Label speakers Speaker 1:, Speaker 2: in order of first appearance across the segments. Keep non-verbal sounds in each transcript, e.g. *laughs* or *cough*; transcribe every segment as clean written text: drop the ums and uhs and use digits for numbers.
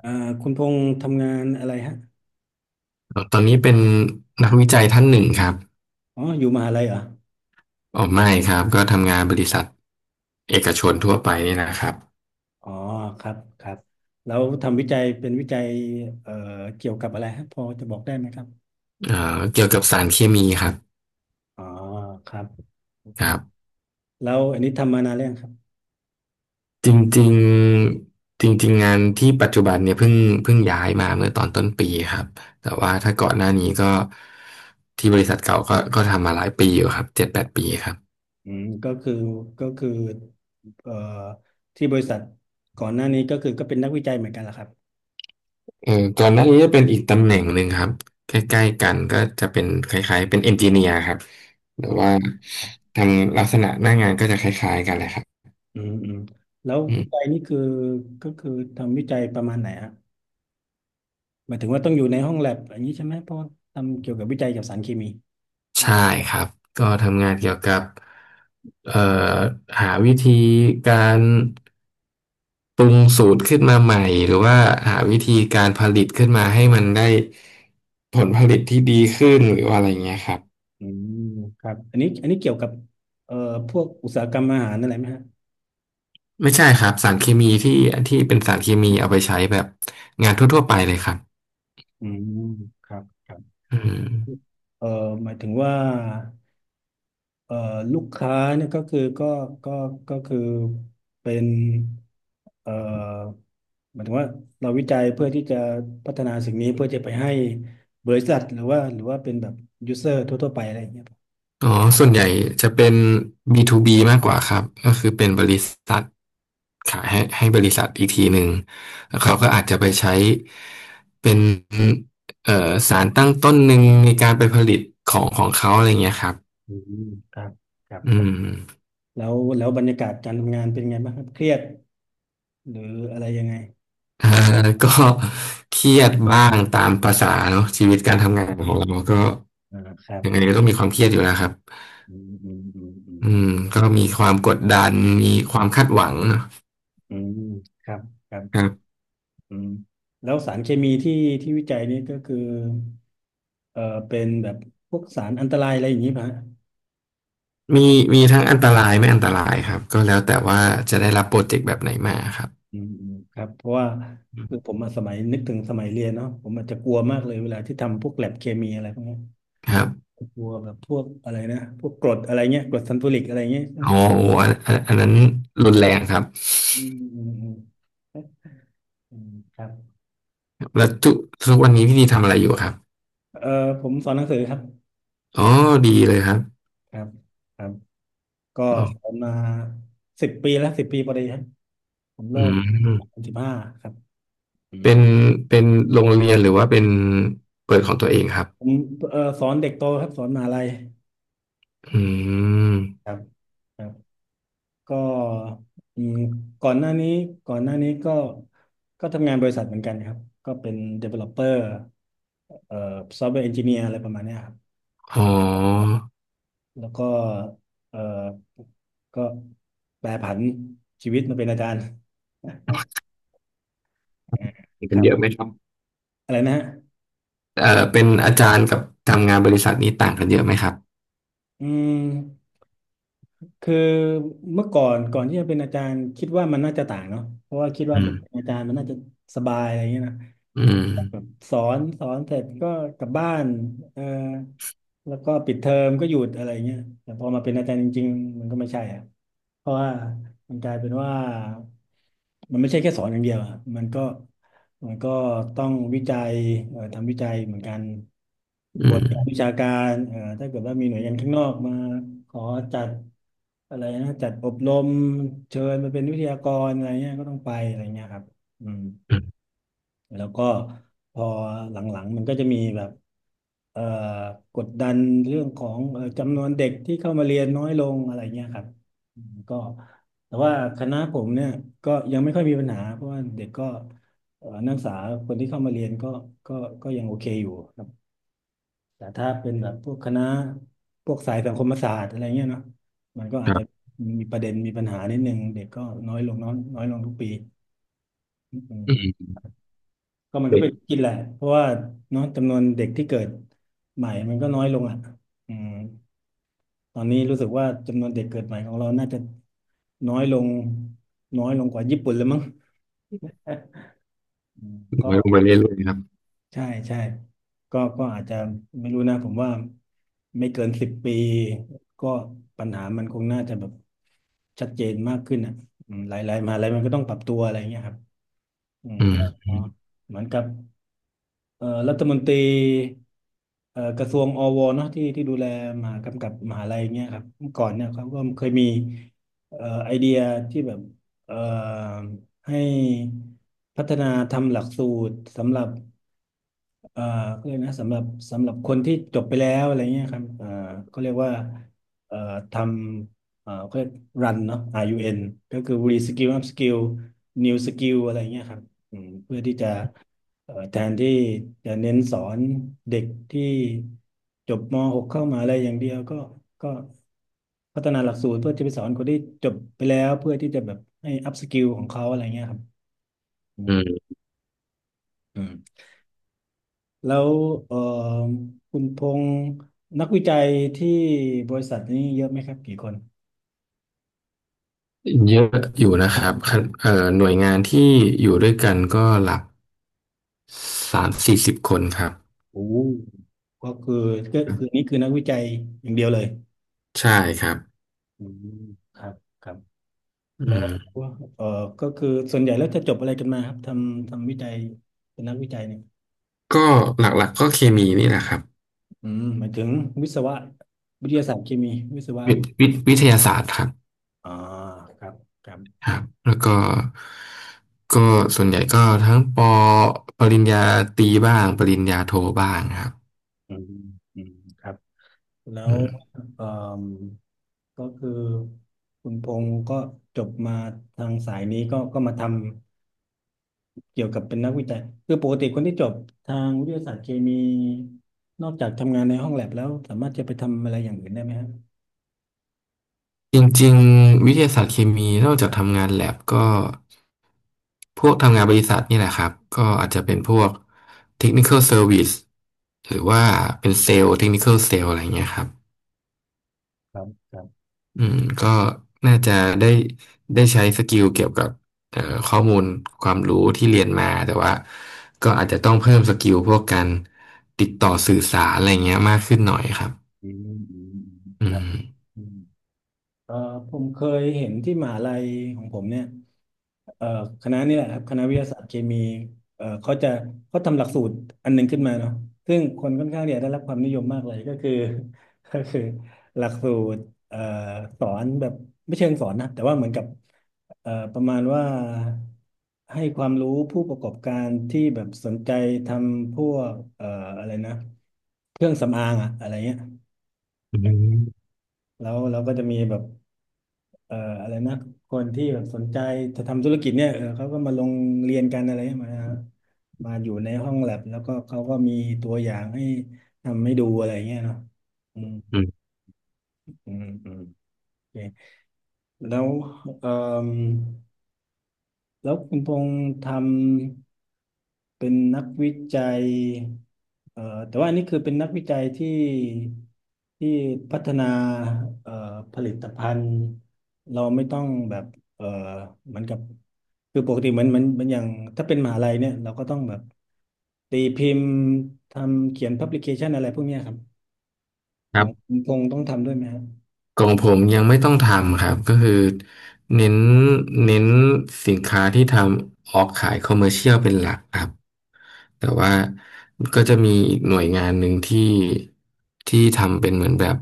Speaker 1: อ่าคุณพงษ์ทำงานอะไรฮะ
Speaker 2: ตอนนี้เป็นนักวิจัยท่านหนึ่งครับ
Speaker 1: อ๋ออยู่มหาลัยเหรอ
Speaker 2: อ๋อไม่ครับก็ทำงานบริษัทเอกชนทั่วไปนี่นะครับ
Speaker 1: อ๋อครับครับแล้วทำวิจัยเป็นวิจัยเอ่อเกี่ยวกับอะไรฮะพอจะบอกได้ไหมครับ
Speaker 2: เกี่ยวกับสารเคมีครับ
Speaker 1: อ๋อครับโอ
Speaker 2: ค
Speaker 1: เค
Speaker 2: รับ
Speaker 1: แล้วอันนี้ทำมานานแล้วยังครับ
Speaker 2: จริงๆจริงๆงานที่ปัจจุบันเนี่ยเพิ่งย้ายมาเมื่อตอนต้นปีครับแต่ว่าถ้าก่อนหน้านี้ก็ที่บริษัทเก่าก็ทำมาหลายปีอยู่ครับ7-8 ปีครับ
Speaker 1: อืมก็คือเอ่อที่บริษัทก่อนหน้านี้ก็คือก็เป็นนักวิจัยเหมือนกันเหรอครับ
Speaker 2: เออก่อนหน้านี้จะเป็นอีกตำแหน่งหนึ่งครับใกล้ๆกันก็จะเป็นคล้ายๆเป็นเอนจิเนียร์ครับ หรือ
Speaker 1: อ๋อ
Speaker 2: ว่า
Speaker 1: ครับ
Speaker 2: ทำลักษณะหน้างานก็จะคล้ายๆกันเลยครับ
Speaker 1: อืมอืมแล้ว
Speaker 2: อื
Speaker 1: วิ
Speaker 2: ม
Speaker 1: จัยนี่คือก็คือทำวิจัยประมาณไหนฮะหมายถึงว่าต้องอยู่ในห้องแลบอย่างนี้ใช่ไหมเพราะว่าทำเกี่ยวกับวิจัยเกยวกับสารเคมี
Speaker 2: ใช่ครับ ก็ทำงานเกี่ยวกับเอ่อหาวิธีการปรุงสูตรขึ้นมาใหม่ หรือว่าหาวิธีการผลิตขึ้นมาให้มันได้ผลผลิตที่ดีขึ้นหรือว่าอะไรเงี้ยครับ
Speaker 1: อืมครับอันนี้อันนี้เกี่ยวกับเอ่อพวกอุตสาหกรรมอาหารนั่นแหละไหมฮะ
Speaker 2: ไม่ใช่ครับสารเคมีที่ที่เป็นสารเคมีเอาไปใช้แบบงานทั่วๆไปเลยครับ
Speaker 1: อืมครับครับ
Speaker 2: อืม
Speaker 1: เอ่อหมายถึงว่าเอ่อลูกค้าเนี่ยก็คือก็ก็คือเป็นเอ่อหมายถึงว่าเราวิจัยเพื่อที่จะพัฒนาสิ่งนี้เพื่อจะไปให้บริษัทหรือว่าเป็นแบบยูเซอร์ทั่วๆไปอะไรอย่างเงี้ยครับ
Speaker 2: อ๋อส่วนใหญ่จะเป็น B2B มากกว่าครับก็คือเป็นบริษัทขายให้บริษัทอีกทีหนึ่งแล้วเขาก็อาจจะไปใช้เป็นสารตั้งต้นหนึ่งในการไปผลิตของของเขาอะไรเงี้ยครับ
Speaker 1: อืมครับครั
Speaker 2: อื
Speaker 1: บ
Speaker 2: ม
Speaker 1: แล้วบรรยากาศการทำงานเป็นไงบ้างครับเครียดหรืออะไรยังไง
Speaker 2: อ่าก็ *laughs* เครียดบ้างตามภาษาเนาะชีวิตการทำงานของเราก็
Speaker 1: อ่าครับ
Speaker 2: ยังไงก็ต้องมีความเครียดอยู่แล้วครับ
Speaker 1: อืมอืมอืมอืม
Speaker 2: อืมก็มีความกดดันมีความคาดหวังเนอะ
Speaker 1: อืมครับครั
Speaker 2: ครั
Speaker 1: บ
Speaker 2: บ
Speaker 1: อืมแล้วสารเคมีที่วิจัยนี้ก็คือเป็นแบบพวกสารอันตรายอะไรอย่างนี้ป่ะฮะ
Speaker 2: มีมีทั้งอันตรายไม่อันตรายครับก็แล้วแต่ว่าจะได้รับโปรเจกต์แบบไหนมาครับ
Speaker 1: อืมอืมครับเพราะว่าคือผมอะสมัยนึกถึงสมัยเรียนเนาะผมอาจจะกลัวมากเลยเวลาที่ทำพวกแลบเคมีอะไรพวกเนี้ย
Speaker 2: ครับ
Speaker 1: กลัวแบบพวกอะไรนะพวกกรดอะไรเงี้ยกรดซัลฟูริกอะไรเงี้ยใช่ไห
Speaker 2: อ๋
Speaker 1: ม
Speaker 2: อโอ้อันนั้นรุนแรงครับ
Speaker 1: อืมอืมอืมอืมครับ
Speaker 2: แล้วทุกวันนี้พี่ดีทำอะไรอยู่ครับ
Speaker 1: ผมสอนหนังสือครับ
Speaker 2: อ๋อดีเลยครับ
Speaker 1: ครับครับก็
Speaker 2: อ๋
Speaker 1: ส
Speaker 2: อ
Speaker 1: อนมาสิบปีแล้วสิบปีพอดีครับ ผม
Speaker 2: อื
Speaker 1: เลิกสอง
Speaker 2: ม
Speaker 1: พันสิบห้าครับอืม
Speaker 2: เป็นเป็นโรงเรียนหรือว่าเป็นเปิดของตัวเองครับ
Speaker 1: ผมสอนเด็กโตครับสอนมหาลัย
Speaker 2: อืม
Speaker 1: ครับครับก็อืมก่อนหน้านี้ก่อนหน้านี้ก็ทำงานบริษัทเหมือนกันครับก็เป็น developer เอ่อ software engineer อะไรประมาณเนี้ยครับ
Speaker 2: อ๋อ
Speaker 1: แล้วก็เอ่อก็แปรผันชีวิตมาเป็นอาจารย์อ่า
Speaker 2: มี
Speaker 1: ค
Speaker 2: กัน
Speaker 1: รั
Speaker 2: เยอะไห
Speaker 1: บ
Speaker 2: มครับ
Speaker 1: อะไรนะฮะ
Speaker 2: เอ่อเป็นอาจารย์กับทำงานบริษัทนี้ต่างกันเยอะไหมครับ
Speaker 1: อืม คือเมื่อก่อนก่อนที่จะเป็นอาจารย์คิดว่ามันน่าจะต่างเนาะเพราะว่าคิดว่า
Speaker 2: อื
Speaker 1: แบบ
Speaker 2: ม
Speaker 1: เป็นอาจารย์มันน่าจะสบายอะไรอย่างเงี้ยนะ
Speaker 2: อืม
Speaker 1: แบบสอนเสร็จก็กลับบ้านเออแล้วก็ปิดเทอมก็หยุดอะไรเงี้ยแต่พอมาเป็นอาจารย์จริงๆมันก็ไม่ใช่อะเพราะว่ามันกลายเป็นว่ามันไม่ใช่แค่สอนอย่างเดียวอะมันก็มันก็ต้องวิจัยทำวิจัยเหมือนกันบ
Speaker 2: อื
Speaker 1: ท
Speaker 2: ม
Speaker 1: วิชาการถ้าเกิดว่ามีหน่วยงานข้างนอกมาขอจัดอะไรนะจัดอบรมเชิญมาเป็นวิทยากรอะไรเงี้ยก็ต้องไปอะไรเงี้ยครับอืม
Speaker 2: อืม
Speaker 1: แล้วก็พอหลังๆมันก็จะมีแบบเอ่อกดดันเรื่องของจำนวนเด็กที่เข้ามาเรียนน้อยลงอะไรเงี้ยครับอืมก็แต่ว่าคณะผมเนี่ยก็ยังไม่ค่อยมีปัญหาเพราะว่าเด็กก็นักศึกษาคนที่เข้ามาเรียนก็ก็ยังโอเคอยู่ครับแต่ถ้าเป็นแบบพวกคณะพวกสายสังคมศาสตร์อะไรเงี้ยเนาะมันก็อาจ
Speaker 2: ค
Speaker 1: จะ
Speaker 2: รับ
Speaker 1: มีประเด็นมีปัญหานิดนึงเด็กก็น้อยลงน้อยน้อยลงทุกปีอื
Speaker 2: อื
Speaker 1: ม
Speaker 2: ม
Speaker 1: ก็มันก็
Speaker 2: เด็ก
Speaker 1: เป็นกินแหละเพราะว่าเนาะจำนวนเด็กที่เกิดใหม่มันก็น้อยลงอ่ะอืมตอนนี้รู้สึกว่าจำนวนเด็กเกิดใหม่ของเราน่าจะน้อยลงน้อยลงกว่าญี่ปุ่นเลยมั้ง *laughs* อืมก็
Speaker 2: น้อยลงไปเรื่อยๆครับ
Speaker 1: ใช่ใช่ก็อาจจะไม่รู้นะผมว่าไม่เกินสิบปีก็ปัญหามันคงน่าจะแบบชัดเจนมากขึ้นอ่ะอืมหลายๆมหาอะไรมันก็ต้องปรับตัวอะไรงเงี้ยครับอืม
Speaker 2: อืม
Speaker 1: ก็
Speaker 2: อืม
Speaker 1: เหมือนกับ รัฐมนตรีกระทรวงอวเนาะที่ดูแลมหากำกับมหาลัยเงี้ยครับเมื่อก่อนเนี่ยเขาก็เคยมีไอเดียที่แบบเอ่อให้พัฒนาทำหลักสูตรสำหรับเอ่อเขาเรียกนะสำหรับคนที่จบไปแล้วอะไรเงี้ยครับเขาเรียกว่าเอ่อทำเขาเรียกรันเนาะ RUN ก็คือ Reskill Upskill New Skill อะไรเงี้ยครับอืมเพื่อที่จะ แทนที่จะเน้นสอนเด็กที่จบม .6 เข้ามหาอะไรอย่างเดียวก็ก็พัฒนาหลักสูตรเพื่อจะไปสอนคนที่จบไปแล้วเพื่อที่จะแบบให้อัพสกิลของเขาอะไรเงี้ยครับอืม
Speaker 2: อืม
Speaker 1: อืมแล้วเอ่อคุณพงษ์นักวิจัยที่บริษัทนี้เยอะไหมครับกี่คน
Speaker 2: เยอะอยู่นะครับขั้นหน่วยงานที่อยู่ด้วยกันก็หลัก30-40 คนครับ
Speaker 1: โอ้ก็คือก็คือนี่คือนักวิจัยอย่างเดียวเลย
Speaker 2: ใช่ครับ
Speaker 1: อืมครับครับ
Speaker 2: อื
Speaker 1: แล้ว
Speaker 2: ม
Speaker 1: เออก็คือส่วนใหญ่แล้วจะจบอะไรกันมาครับทำวิจัยเป็นนักวิจัยเนี่ย
Speaker 2: ก็หลักๆก็เคมีนี่แหละครับ
Speaker 1: อืมหมายถึงวิศวะวิทยาศาสตร์เคมีวิศวะ
Speaker 2: วิวิทยาศาสตร์ครับ
Speaker 1: อ่าครับครับ
Speaker 2: ครับแล้วก็ก็ส่วนใหญ่ก็ทั้งปริญญาตรีบ้างปริญญาโทบ้างครับ
Speaker 1: อืมอืมครับแล้
Speaker 2: อื
Speaker 1: ว
Speaker 2: ม
Speaker 1: เออก็คือคุณพงศ์ก็จบมาทางสายนี้ก็ก็มาทำเกี่ยวกับเป็นนักวิจัยคือปกติคนที่จบทางวิทยาศาสตร์เคมีนอกจากทำงานในห้องแลบแล้วสามารถจะไปทำอะไรอย่างอื่นได้ไหมครับ
Speaker 2: จริงๆวิทยาศาสตร์เคมีนอกจากทำงานแลบก็พวกทำงานบริษัทนี่แหละครับก็อาจจะเป็นพวก technical service หรือว่าเป็นเซลล์ technical sale อะไรเงี้ยครับ
Speaker 1: ครับครับ
Speaker 2: อืมก็น่าจะได้ได้ใช้สกิลเกี่ยวกับเอ่อข้อมูลความรู้ที่เรียนมาแต่ว่าก็อาจจะต้องเพิ่มสกิลพวกการติดต่อสื่อสารอะไรเงี้ยมากขึ้นหน่อยครับ
Speaker 1: อืมอืมอืม
Speaker 2: อื
Speaker 1: ครับ
Speaker 2: ม
Speaker 1: อืมเอ่อผมเคยเห็นที่มหาลัยของผมเนี่ยเอ่อคณะนี่แหละครับคณะวิทยาศาสตร์เคมีเขาจะเขาทำหลักสูตรอันหนึ่งขึ้นมาเนาะซึ่งคนค่อนข้างเนี่ยได้รับความนิยมมากเลยก็คือ *laughs* ก็คือหลักสูตรเอ่อสอนแบบไม่เชิงสอนนะแต่ว่าเหมือนกับประมาณว่าให้ความรู้ผู้ประกอบการที่แบบสนใจทำพวกอะไรนะเครื่องสำอางอะอะไรเงี้ย
Speaker 2: อืม
Speaker 1: แล้วเราก็จะมีแบบ อะไรนะคนที่แบบสนใจจะทำธุรกิจเนี่ยเออเขาก็มาลงเรียนกันอะไรมามาอยู่ในห้องแลบแล้วก็เขาก็มีตัวอย่างให้ทำให้ดูอะไรเงี้ยเนาะอืม
Speaker 2: อืม
Speaker 1: อืมอืมโอเคแล้วเอ่อแล้วคุณพงษ์ทำ เป็นนักวิจัยเอ่อแต่ว่าอันนี้คือเป็นนักวิจัยที่ที่พัฒนาเอ่อผลิตภัณฑ์เราไม่ต้องแบบเอ่อเหมือนกับ คือปกติเหมือนเหมันเหมันอย่างถ้าเป็นมหาลัยเนี่ยเราก็ต้องแบบตีพิมพ์ทำเขียนพับลิเคชันอะไรพวกเนี้ยครับ
Speaker 2: ค
Speaker 1: ข
Speaker 2: รั
Speaker 1: องคุ
Speaker 2: บ
Speaker 1: ณพงษ์ต้องทำด้วยไหมครับ
Speaker 2: ของผมยังไม่ต้องทำครับก็คือเน้นเน้นสินค้าที่ทำออกขายคอมเมอร์เชียลเป็นหลักครับแต่ว่าก็จะมีอีกหน่วยงานหนึ่งที่ที่ทำเป็นเหมือนแบบ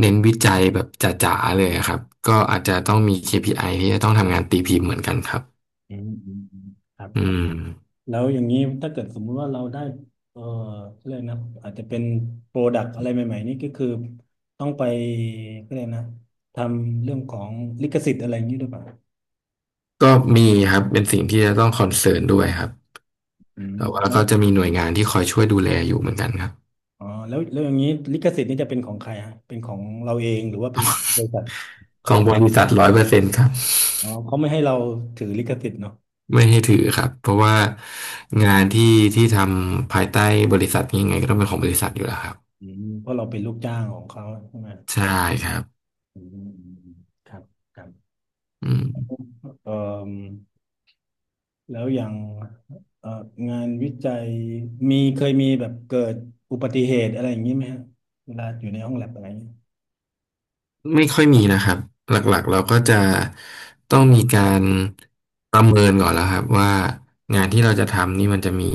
Speaker 2: เน้นวิจัยแบบจ๋าๆเลยครับก็อาจจะต้องมี KPI ที่จะต้องทำงานตีพิมพ์เหมือนกันครับ
Speaker 1: อืมอืมอืมครับ
Speaker 2: อืม
Speaker 1: แล้วอย่างนี้ถ้าเกิดสมมุติว่าเราได้เออเร่ยนะอาจจะเป็นโปรดัก์อะไรใหม่ๆนี่ก็คือต้องไปก็เลยกนะทำเรื่องของลิขสิทธิ์อะไรอย่างนี้ด้วยป่ะ
Speaker 2: ก็มีครับเป็นสิ่งที่จะต้องคอนเซิร์นด้วยครับ
Speaker 1: อืม
Speaker 2: แต่ว่า
Speaker 1: แล้ว
Speaker 2: ก็จะมีหน่วยงานที่คอยช่วยดูแลอยู่เหมือนกันครับ
Speaker 1: อ๋อแล้วแล้วอย่างนี้ลิขสิทธิ์นี่จะเป็นของใครฮะเป็นของเราเองหรือว่าเป็นของบริษัท
Speaker 2: ของบริษัท100%ครับ
Speaker 1: อ๋อเขาไม่ให้เราถือลิขสิทธิ์เนาะ
Speaker 2: ไม่ให้ถือครับเพราะว่างานที่ทำภายใต้บริษัทนี้ยังไงก็ต้องเป็นของบริษัทอยู่แล้วครับ
Speaker 1: อืมเพราะเราเป็นลูกจ้างของเขาใช่ไหม
Speaker 2: ใช่ครับ
Speaker 1: อืมอืมอืมครับครับ
Speaker 2: อืม
Speaker 1: เอ่อ แล้วอย่างเอ่องานวิจัยมีเคยมีแบบเกิดอุบัติเหตุอะไรอย่างนี้ไหมฮะเวลาอยู่ในห้องแลบอะไรอย่างนี้
Speaker 2: ไม่ค่อยมีนะครับหลักๆเราก็จะต้องมีการประเมินก่อนแล้วครับว่างานที่เราจะทำนี่มันจะมี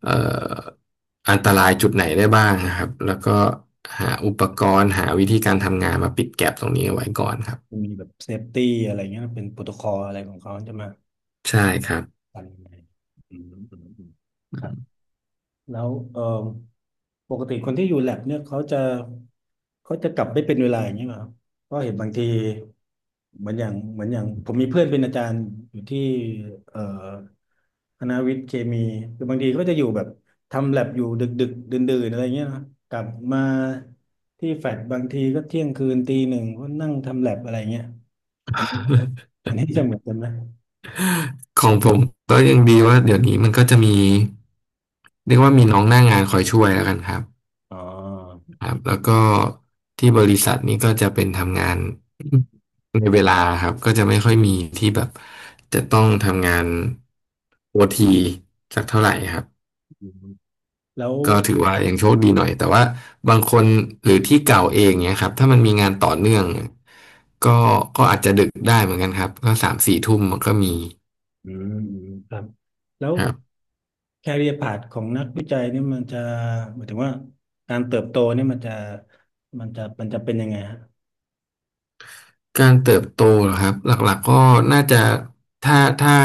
Speaker 2: เอ่ออันตรายจุดไหนได้บ้างนะครับแล้วก็หาอุปกรณ์หาวิธีการทำงานมาปิดแก็ปตรงนี้เอาไว้ก่อนครับ
Speaker 1: มีแบบเซฟตี้อะไรเงี้ยเป็นโปรโตคอลอะไรของเขาจะมา
Speaker 2: ใช่ครับ
Speaker 1: กันยังไงอืมอืมอืมครับแล้วปกติคนที่อยู่แลบเนี่ยเขาจะเขาจะกลับไม่เป็นเวลาอย่างนี้ไหมครับก็เห็นบางที เหมือนอย่างเหมือนอย่างผมมีเพื่อนเป็นอาจารย์อยู่ที่เอ่อคณะวิทย์เคมีคือบางทีก็จะอยู่แบบทำแลบอยู่ดึกดึกดื่นดื่นๆอะไรเงี้ยนะกลับมาที่แฟลตบางทีก็เที่ยงคืนตีหนึ่งก็นั่งทำแลบอะไรเงี้ยอันนี้อันนี้จะเหมือนกันไหม
Speaker 2: ของผมก็ยังดีว่าเดี๋ยวนี้มันก็จะมีเรียกว่ามีน้องหน้างานคอยช่วยแล้วกันครับ
Speaker 1: อ๋อ
Speaker 2: ครั
Speaker 1: อื
Speaker 2: บ
Speaker 1: ม
Speaker 2: แล้วก็ที่บริษัทนี้ก็จะเป็นทำงานในเวลาครับก็จะไม่ค่อยมีที่แบบจะต้องทำงานโอทีสักเท่าไหร่ครับ
Speaker 1: อืมแล้ว
Speaker 2: ก็ถือว่ายังโชคดีหน่อยแต่ว่าบางคนหรือที่เก่าเองเนี่ยครับถ้ามันมีงานต่อเนื่องก็ก็อาจจะดึกได้เหมือนกันครับก็3-4 ทุ่มมันก็มี
Speaker 1: อืมอืมครับแล้ว
Speaker 2: ครับ
Speaker 1: แคเรียร์พาธของนักวิจัยนี่มันจะหมายถึงว่าการเติบโตนี่มันจะเป็นยังไงฮะ
Speaker 2: การเติบโตเหรอครับหลักๆก็น่าจะถ้าถ้า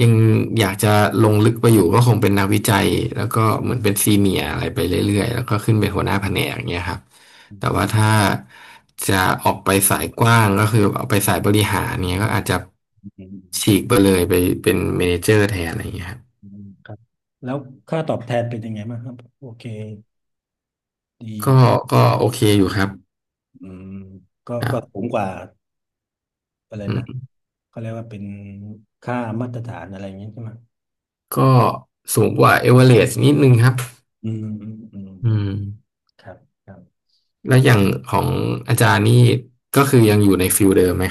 Speaker 2: ยังอยากจะลงลึกไปอยู่ก็คงเป็นนักวิจัยแล้วก็เหมือนเป็นซีเมียร์อะไรไปเรื่อยๆแล้วก็ขึ้นเป็นหัวหน้าแผนกอย่างเงี้ยครับแต่ว่าถ้าจะออกไปสายกว้างก็คือเอาไปสายบริหารเนี้ยก็อาจจะ
Speaker 1: อื
Speaker 2: ฉี
Speaker 1: ม
Speaker 2: กไปเลยไปเป็นเมเนเจอร์แทนอะไรอย่างเงี้ยครับ
Speaker 1: อืมครับแล้วค่าตอบแทนเป็นยังไงบ้างครับโอเค
Speaker 2: ก็
Speaker 1: ดี
Speaker 2: ก็โอเคอยู่ครับ
Speaker 1: อืมก็
Speaker 2: ครั
Speaker 1: ก็สู
Speaker 2: บ
Speaker 1: งกว่าอะไร
Speaker 2: อื
Speaker 1: นะ
Speaker 2: ม
Speaker 1: เขาเรียกว่าเป็นค่ามาตรฐานอะไรอย่างนี้ใช่ไหม
Speaker 2: ก็สูงกว่าเอเวอเรสต์นิดนึงครับ
Speaker 1: อืมอืมอื
Speaker 2: อื
Speaker 1: ม
Speaker 2: ม
Speaker 1: ครับครับ
Speaker 2: แล้วอย่างของอาจารย์นี่ก็คือยังอยู่ในฟิลเดิมไหม